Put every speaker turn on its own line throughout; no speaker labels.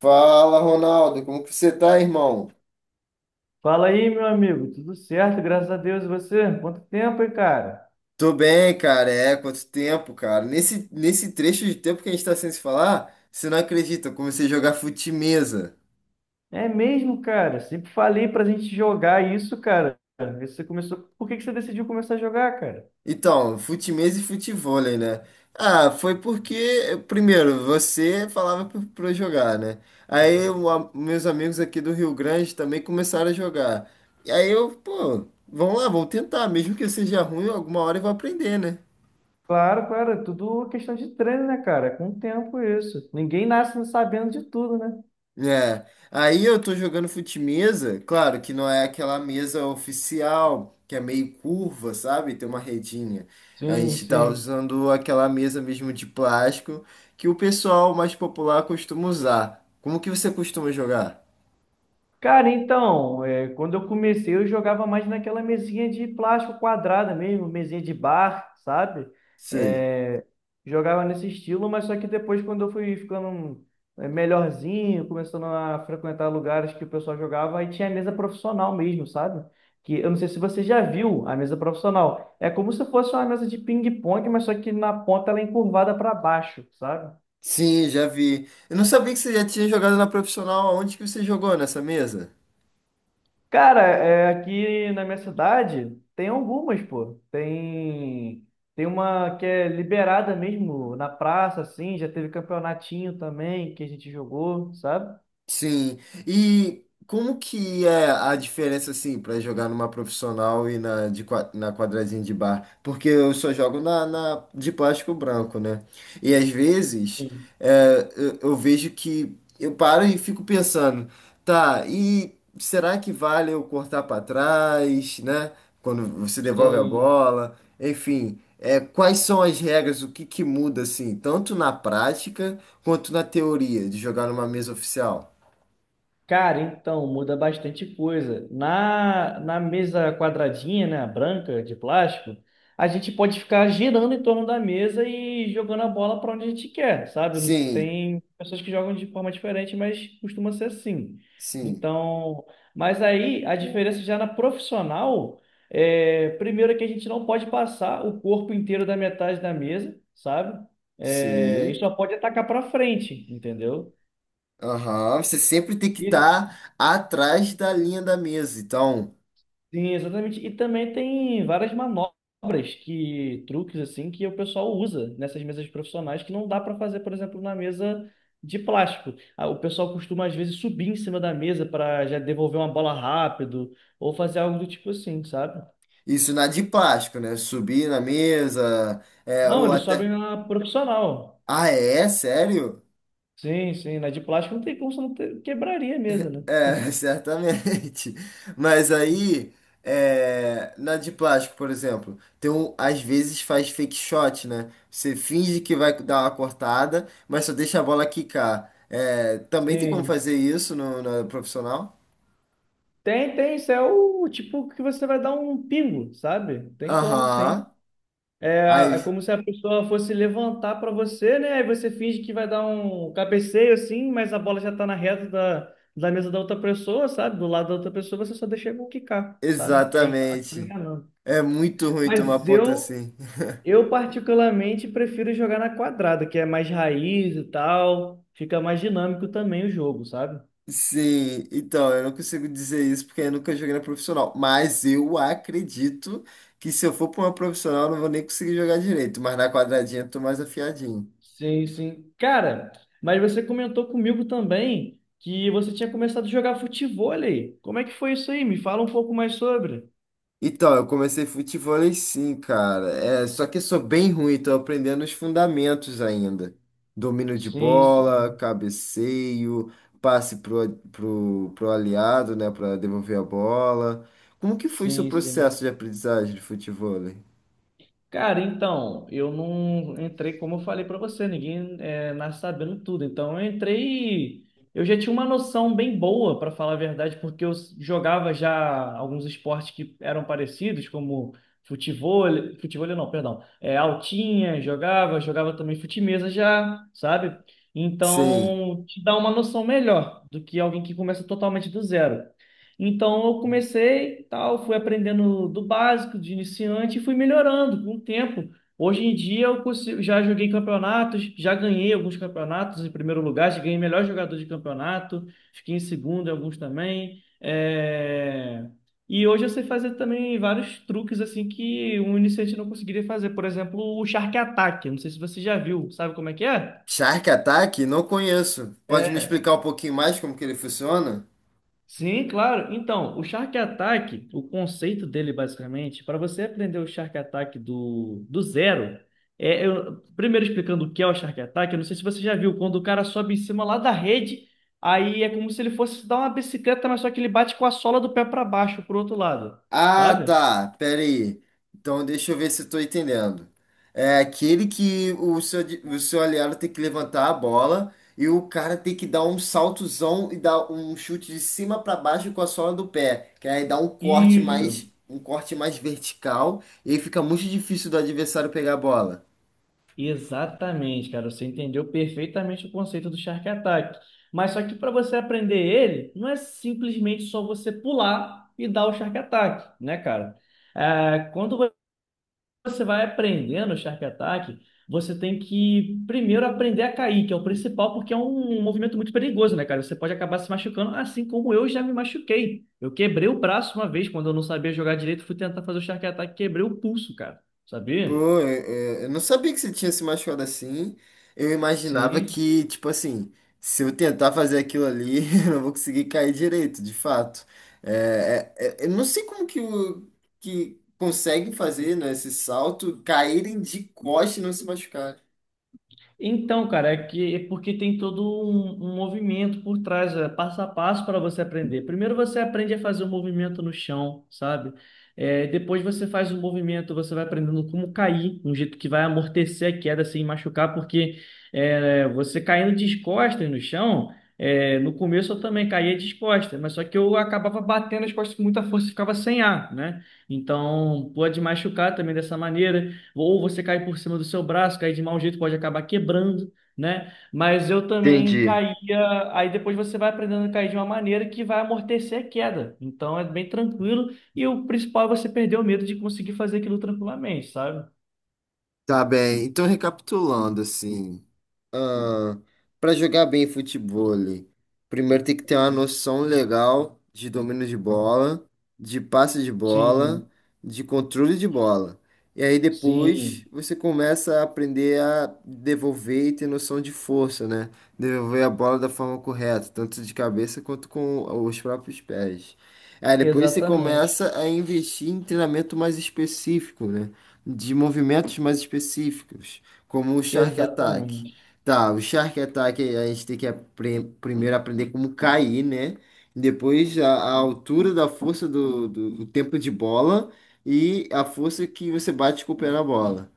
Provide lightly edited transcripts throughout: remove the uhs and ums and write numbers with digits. Fala, Ronaldo, como que você tá, irmão?
Fala aí, meu amigo. Tudo certo? Graças a Deus. E você? Quanto tempo, hein, cara?
Tô bem, cara. É, quanto tempo, cara. Nesse trecho de tempo que a gente tá sem se falar, você não acredita, eu comecei a jogar fute-mesa.
É mesmo, cara. Sempre falei pra gente jogar isso, cara. Você começou. Por que que você decidiu começar a jogar, cara?
Então, fute-mesa e futevôlei, né? Ah, foi porque, primeiro, você falava pra eu jogar, né? Meus amigos aqui do Rio Grande também começaram a jogar. E aí eu, pô, vamos lá, vamos tentar. Mesmo que eu seja ruim, alguma hora eu vou aprender, né?
Claro, claro. Tudo questão de treino, né, cara? Com o tempo isso. Ninguém nasce sabendo de tudo, né?
É, aí eu tô jogando fute-mesa, claro que não é aquela mesa oficial, que é meio curva, sabe? Tem uma redinha. A
Sim,
gente tá
sim.
usando aquela mesa mesmo de plástico que o pessoal mais popular costuma usar. Como que você costuma jogar?
Cara, então, quando eu comecei, eu jogava mais naquela mesinha de plástico quadrada mesmo, mesinha de bar, sabe? É,
Sei.
jogava nesse estilo, mas só que depois, quando eu fui ficando melhorzinho, começando a frequentar lugares que o pessoal jogava, aí tinha mesa profissional mesmo, sabe? Que eu não sei se você já viu a mesa profissional. É como se fosse uma mesa de ping-pong, mas só que na ponta ela é encurvada para baixo, sabe?
Sim, já vi. Eu não sabia que você já tinha jogado na profissional. Onde que você jogou nessa mesa?
Cara, aqui na minha cidade tem algumas, pô. Tem. Tem uma que é liberada mesmo na praça, assim, já teve campeonatinho também que a gente jogou, sabe?
Sim. E como que é a diferença, assim, para jogar numa profissional e na, de, na quadradinha de bar? Porque eu só jogo na, na de plástico branco, né? E às vezes
Sim,
é, eu vejo que eu paro e fico pensando, tá, e será que vale eu cortar para trás, né? Quando você devolve a
sim.
bola, enfim. É, quais são as regras, o que que muda, assim, tanto na prática quanto na teoria de jogar numa mesa oficial?
Cara, então, muda bastante coisa. Na mesa quadradinha, né, branca, de plástico, a gente pode ficar girando em torno da mesa e jogando a bola para onde a gente quer, sabe?
Sim,
Tem pessoas que jogam de forma diferente, mas costuma ser assim.
sim,
Então, mas aí a diferença já na profissional primeiro é que a gente não pode passar o corpo inteiro da metade da mesa, sabe? E
sim.
só pode atacar para frente, entendeu?
Aham. Você sempre tem que
E
estar atrás da linha da mesa. Então,
Sim, exatamente. E também tem várias manobras truques assim, que o pessoal usa nessas mesas profissionais que não dá para fazer, por exemplo, na mesa de plástico. Ah, o pessoal costuma às vezes subir em cima da mesa para já devolver uma bola rápido ou fazer algo do tipo assim, sabe?
isso na de plástico, né? Subir na mesa, é,
Não,
ou
eles sobem
até.
na profissional.
Ah, é? Sério?
Sim, sim, na de plástico não tem como você não ter- quebraria a mesa, né?
É, certamente. Mas aí, é, na de plástico, por exemplo, tem um, às vezes faz fake shot, né? Você finge que vai dar uma cortada, mas só deixa a bola quicar. É, também tem como
Sim.
fazer isso no, na profissional?
Tem, tem, isso é o tipo que você vai dar um pingo, sabe? Tem como,
Aham.
sim.
Ai,
É como se a pessoa fosse levantar para você, né? Aí você finge que vai dar um cabeceio assim, mas a bola já tá na reta da mesa da outra pessoa, sabe? Do lado da outra pessoa, você só deixa ele quicar, sabe? Que aí acaba
exatamente.
enganando.
É muito ruim tomar
Mas
ponto
eu,
assim.
eu particularmente prefiro jogar na quadrada, que é mais raiz e tal, fica mais dinâmico também o jogo, sabe?
Sim, então, eu não consigo dizer isso porque eu nunca joguei na profissional. Mas eu acredito que se eu for pra uma profissional, eu não vou nem conseguir jogar direito. Mas na quadradinha eu tô mais afiadinho.
Sim, sim. Cara, mas você comentou comigo também que você tinha começado a jogar futevôlei. Como é que foi isso aí? Me fala um pouco mais sobre.
Então, eu comecei futevôlei sim, cara. É, só que eu sou bem ruim, tô aprendendo os fundamentos ainda. Domínio de
Sim,
bola,
sim,
cabeceio, passe pro aliado, né, para devolver a bola. Como que foi seu
sim, sim.
processo de aprendizagem de futevôlei?
Cara, então, eu não entrei, como eu falei pra você, ninguém nasce sabendo tudo. Então, eu entrei, eu já tinha uma noção bem boa, pra falar a verdade, porque eu jogava já alguns esportes que eram parecidos, como futebol, futebol não, perdão, altinha, jogava também fute-mesa já, sabe?
Sim.
Então, te dá uma noção melhor do que alguém que começa totalmente do zero. Então eu comecei, tal, fui aprendendo do básico, de iniciante, e fui melhorando com o tempo. Hoje em dia eu consigo, já joguei campeonatos, já ganhei alguns campeonatos em primeiro lugar, já ganhei melhor jogador de campeonato, fiquei em segundo em alguns também. E hoje eu sei fazer também vários truques assim que um iniciante não conseguiria fazer. Por exemplo, o Shark Attack. Não sei se você já viu, sabe como é que é?
Shark Attack? Não conheço. Pode me
É.
explicar um pouquinho mais como que ele funciona?
Sim, claro. Então, o Shark Attack, o conceito dele basicamente, para você aprender o Shark Attack do zero, primeiro explicando o que é o Shark Attack, eu não sei se você já viu, quando o cara sobe em cima lá da rede, aí é como se ele fosse dar uma bicicleta, mas só que ele bate com a sola do pé para baixo, pro outro lado,
Ah,
sabe?
tá. Pera aí. Então deixa eu ver se eu tô entendendo. É aquele que o seu, o seu aliado tem que levantar a bola e o cara tem que dar um saltozão e dar um chute de cima para baixo com a sola do pé, que aí dá
Isso.
um corte mais vertical e aí fica muito difícil do adversário pegar a bola.
Exatamente, cara. Você entendeu perfeitamente o conceito do Shark Attack. Mas só que para você aprender ele, não é simplesmente só você pular e dar o Shark Attack, né, cara? Quando você vai aprendendo o Shark Attack, você tem que primeiro aprender a cair, que é o principal, porque é um movimento muito perigoso, né, cara? Você pode acabar se machucando, assim como eu já me machuquei. Eu quebrei o braço uma vez quando eu não sabia jogar direito, fui tentar fazer o Shark Attack, quebrei o pulso, cara. Sabia?
Pô, eu não sabia que você tinha se machucado assim. Eu imaginava
Sim.
que, tipo assim, se eu tentar fazer aquilo ali, eu não vou conseguir cair direito, de fato. Eu não sei como que, o, que conseguem fazer, né, esse salto, caírem de costa e não se machucar.
Então, cara, é que é porque tem todo um movimento por trás, passo a passo para você aprender. Primeiro você aprende a fazer o movimento no chão, sabe? Depois você faz o movimento, você vai aprendendo como cair, um jeito que vai amortecer a queda sem machucar, porque você caindo descostas no chão, no começo eu também caía descostas, mas só que eu acabava batendo as costas com muita força e ficava sem ar, né? Então pode machucar também dessa maneira ou você cair por cima do seu braço, cair de mau jeito, pode acabar quebrando, né? Mas eu também
Entendi.
caía, aí depois você vai aprendendo a cair de uma maneira que vai amortecer a queda. Então é bem tranquilo e o principal é você perder o medo de conseguir fazer aquilo tranquilamente, sabe?
Tá bem. Então, recapitulando, assim, para jogar bem futebol, primeiro tem que ter uma noção legal de domínio de bola, de passe de bola,
Sim,
de controle de bola. E aí depois
sim,
você começa a aprender a devolver e ter noção de força, né? Devolver a bola da forma correta, tanto de cabeça quanto com os próprios pés. Aí depois você
exatamente,
começa a investir em treinamento mais específico, né? De movimentos mais específicos, como o Shark Attack.
exatamente.
Tá, o Shark Attack a gente tem que primeiro aprender como cair, né? Depois a altura da força do tempo de bola e a força que você bate com o pé na bola.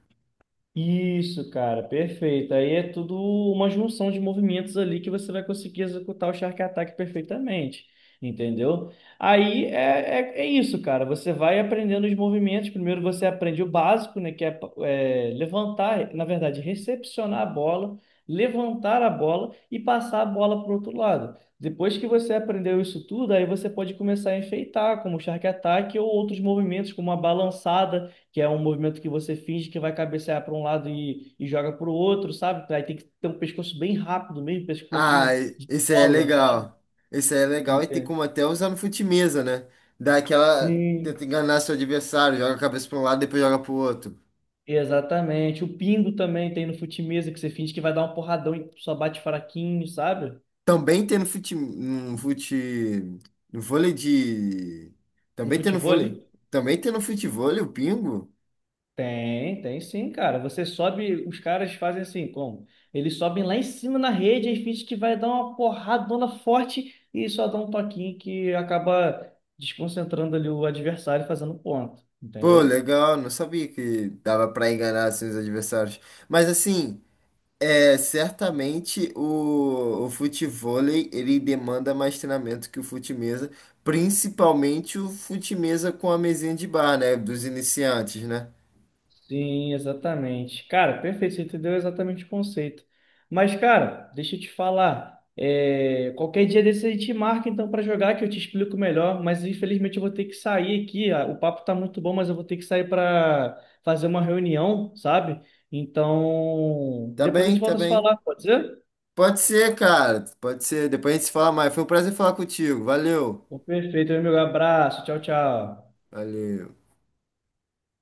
Isso, cara, perfeito. Aí é tudo uma junção de movimentos ali que você vai conseguir executar o Shark Attack perfeitamente, entendeu? Aí é isso, cara. Você vai aprendendo os movimentos. Primeiro você aprende o básico, né? Que é, levantar, na verdade, recepcionar a bola, levantar a bola e passar a bola para o outro lado. Depois que você aprendeu isso tudo, aí você pode começar a enfeitar, como o Shark Attack ou outros movimentos, como a balançada, que é um movimento que você finge que vai cabecear para um lado e joga para o outro, sabe? Aí tem que ter um pescoço bem rápido mesmo,
Ah,
pescocinho de
esse aí é
bola, sabe?
legal. Esse aí é legal e tem
Entende?
como até usar no fute-mesa, né? Dá aquela.
Sim,
Tenta enganar seu adversário, joga a cabeça para um lado, depois joga pro outro.
exatamente. O pingo também tem no fute-mesa, que você finge que vai dar um porradão e só bate fraquinho, sabe?
Também tem no no vôlei de,
No
também tem no vôlei,
futevôlei.
também tem no futevôlei o pingo.
Tem, tem sim, cara. Você sobe, os caras fazem assim, como? Eles sobem lá em cima na rede e finge que vai dar uma porradona forte e só dá um toquinho que acaba desconcentrando ali o adversário e fazendo ponto,
Pô,
entendeu?
legal, não sabia que dava pra enganar assim, os adversários. Mas assim, é, certamente o futevôlei, ele demanda mais treinamento que o fute-mesa, principalmente o fute-mesa com a mesinha de bar, né, dos iniciantes, né?
Sim, exatamente. Cara, perfeito, você entendeu exatamente o conceito. Mas, cara, deixa eu te falar. Qualquer dia desse a gente marca então para jogar, que eu te explico melhor. Mas infelizmente eu vou ter que sair aqui. O papo tá muito bom, mas eu vou ter que sair para fazer uma reunião, sabe? Então,
Tá
depois a gente
bem, tá
volta a se
bem.
falar, pode ser?
Pode ser, cara, pode ser. Depois a gente se fala mais. Foi um prazer falar contigo. Valeu.
Então, perfeito, meu amigo. Abraço, tchau, tchau.
Valeu.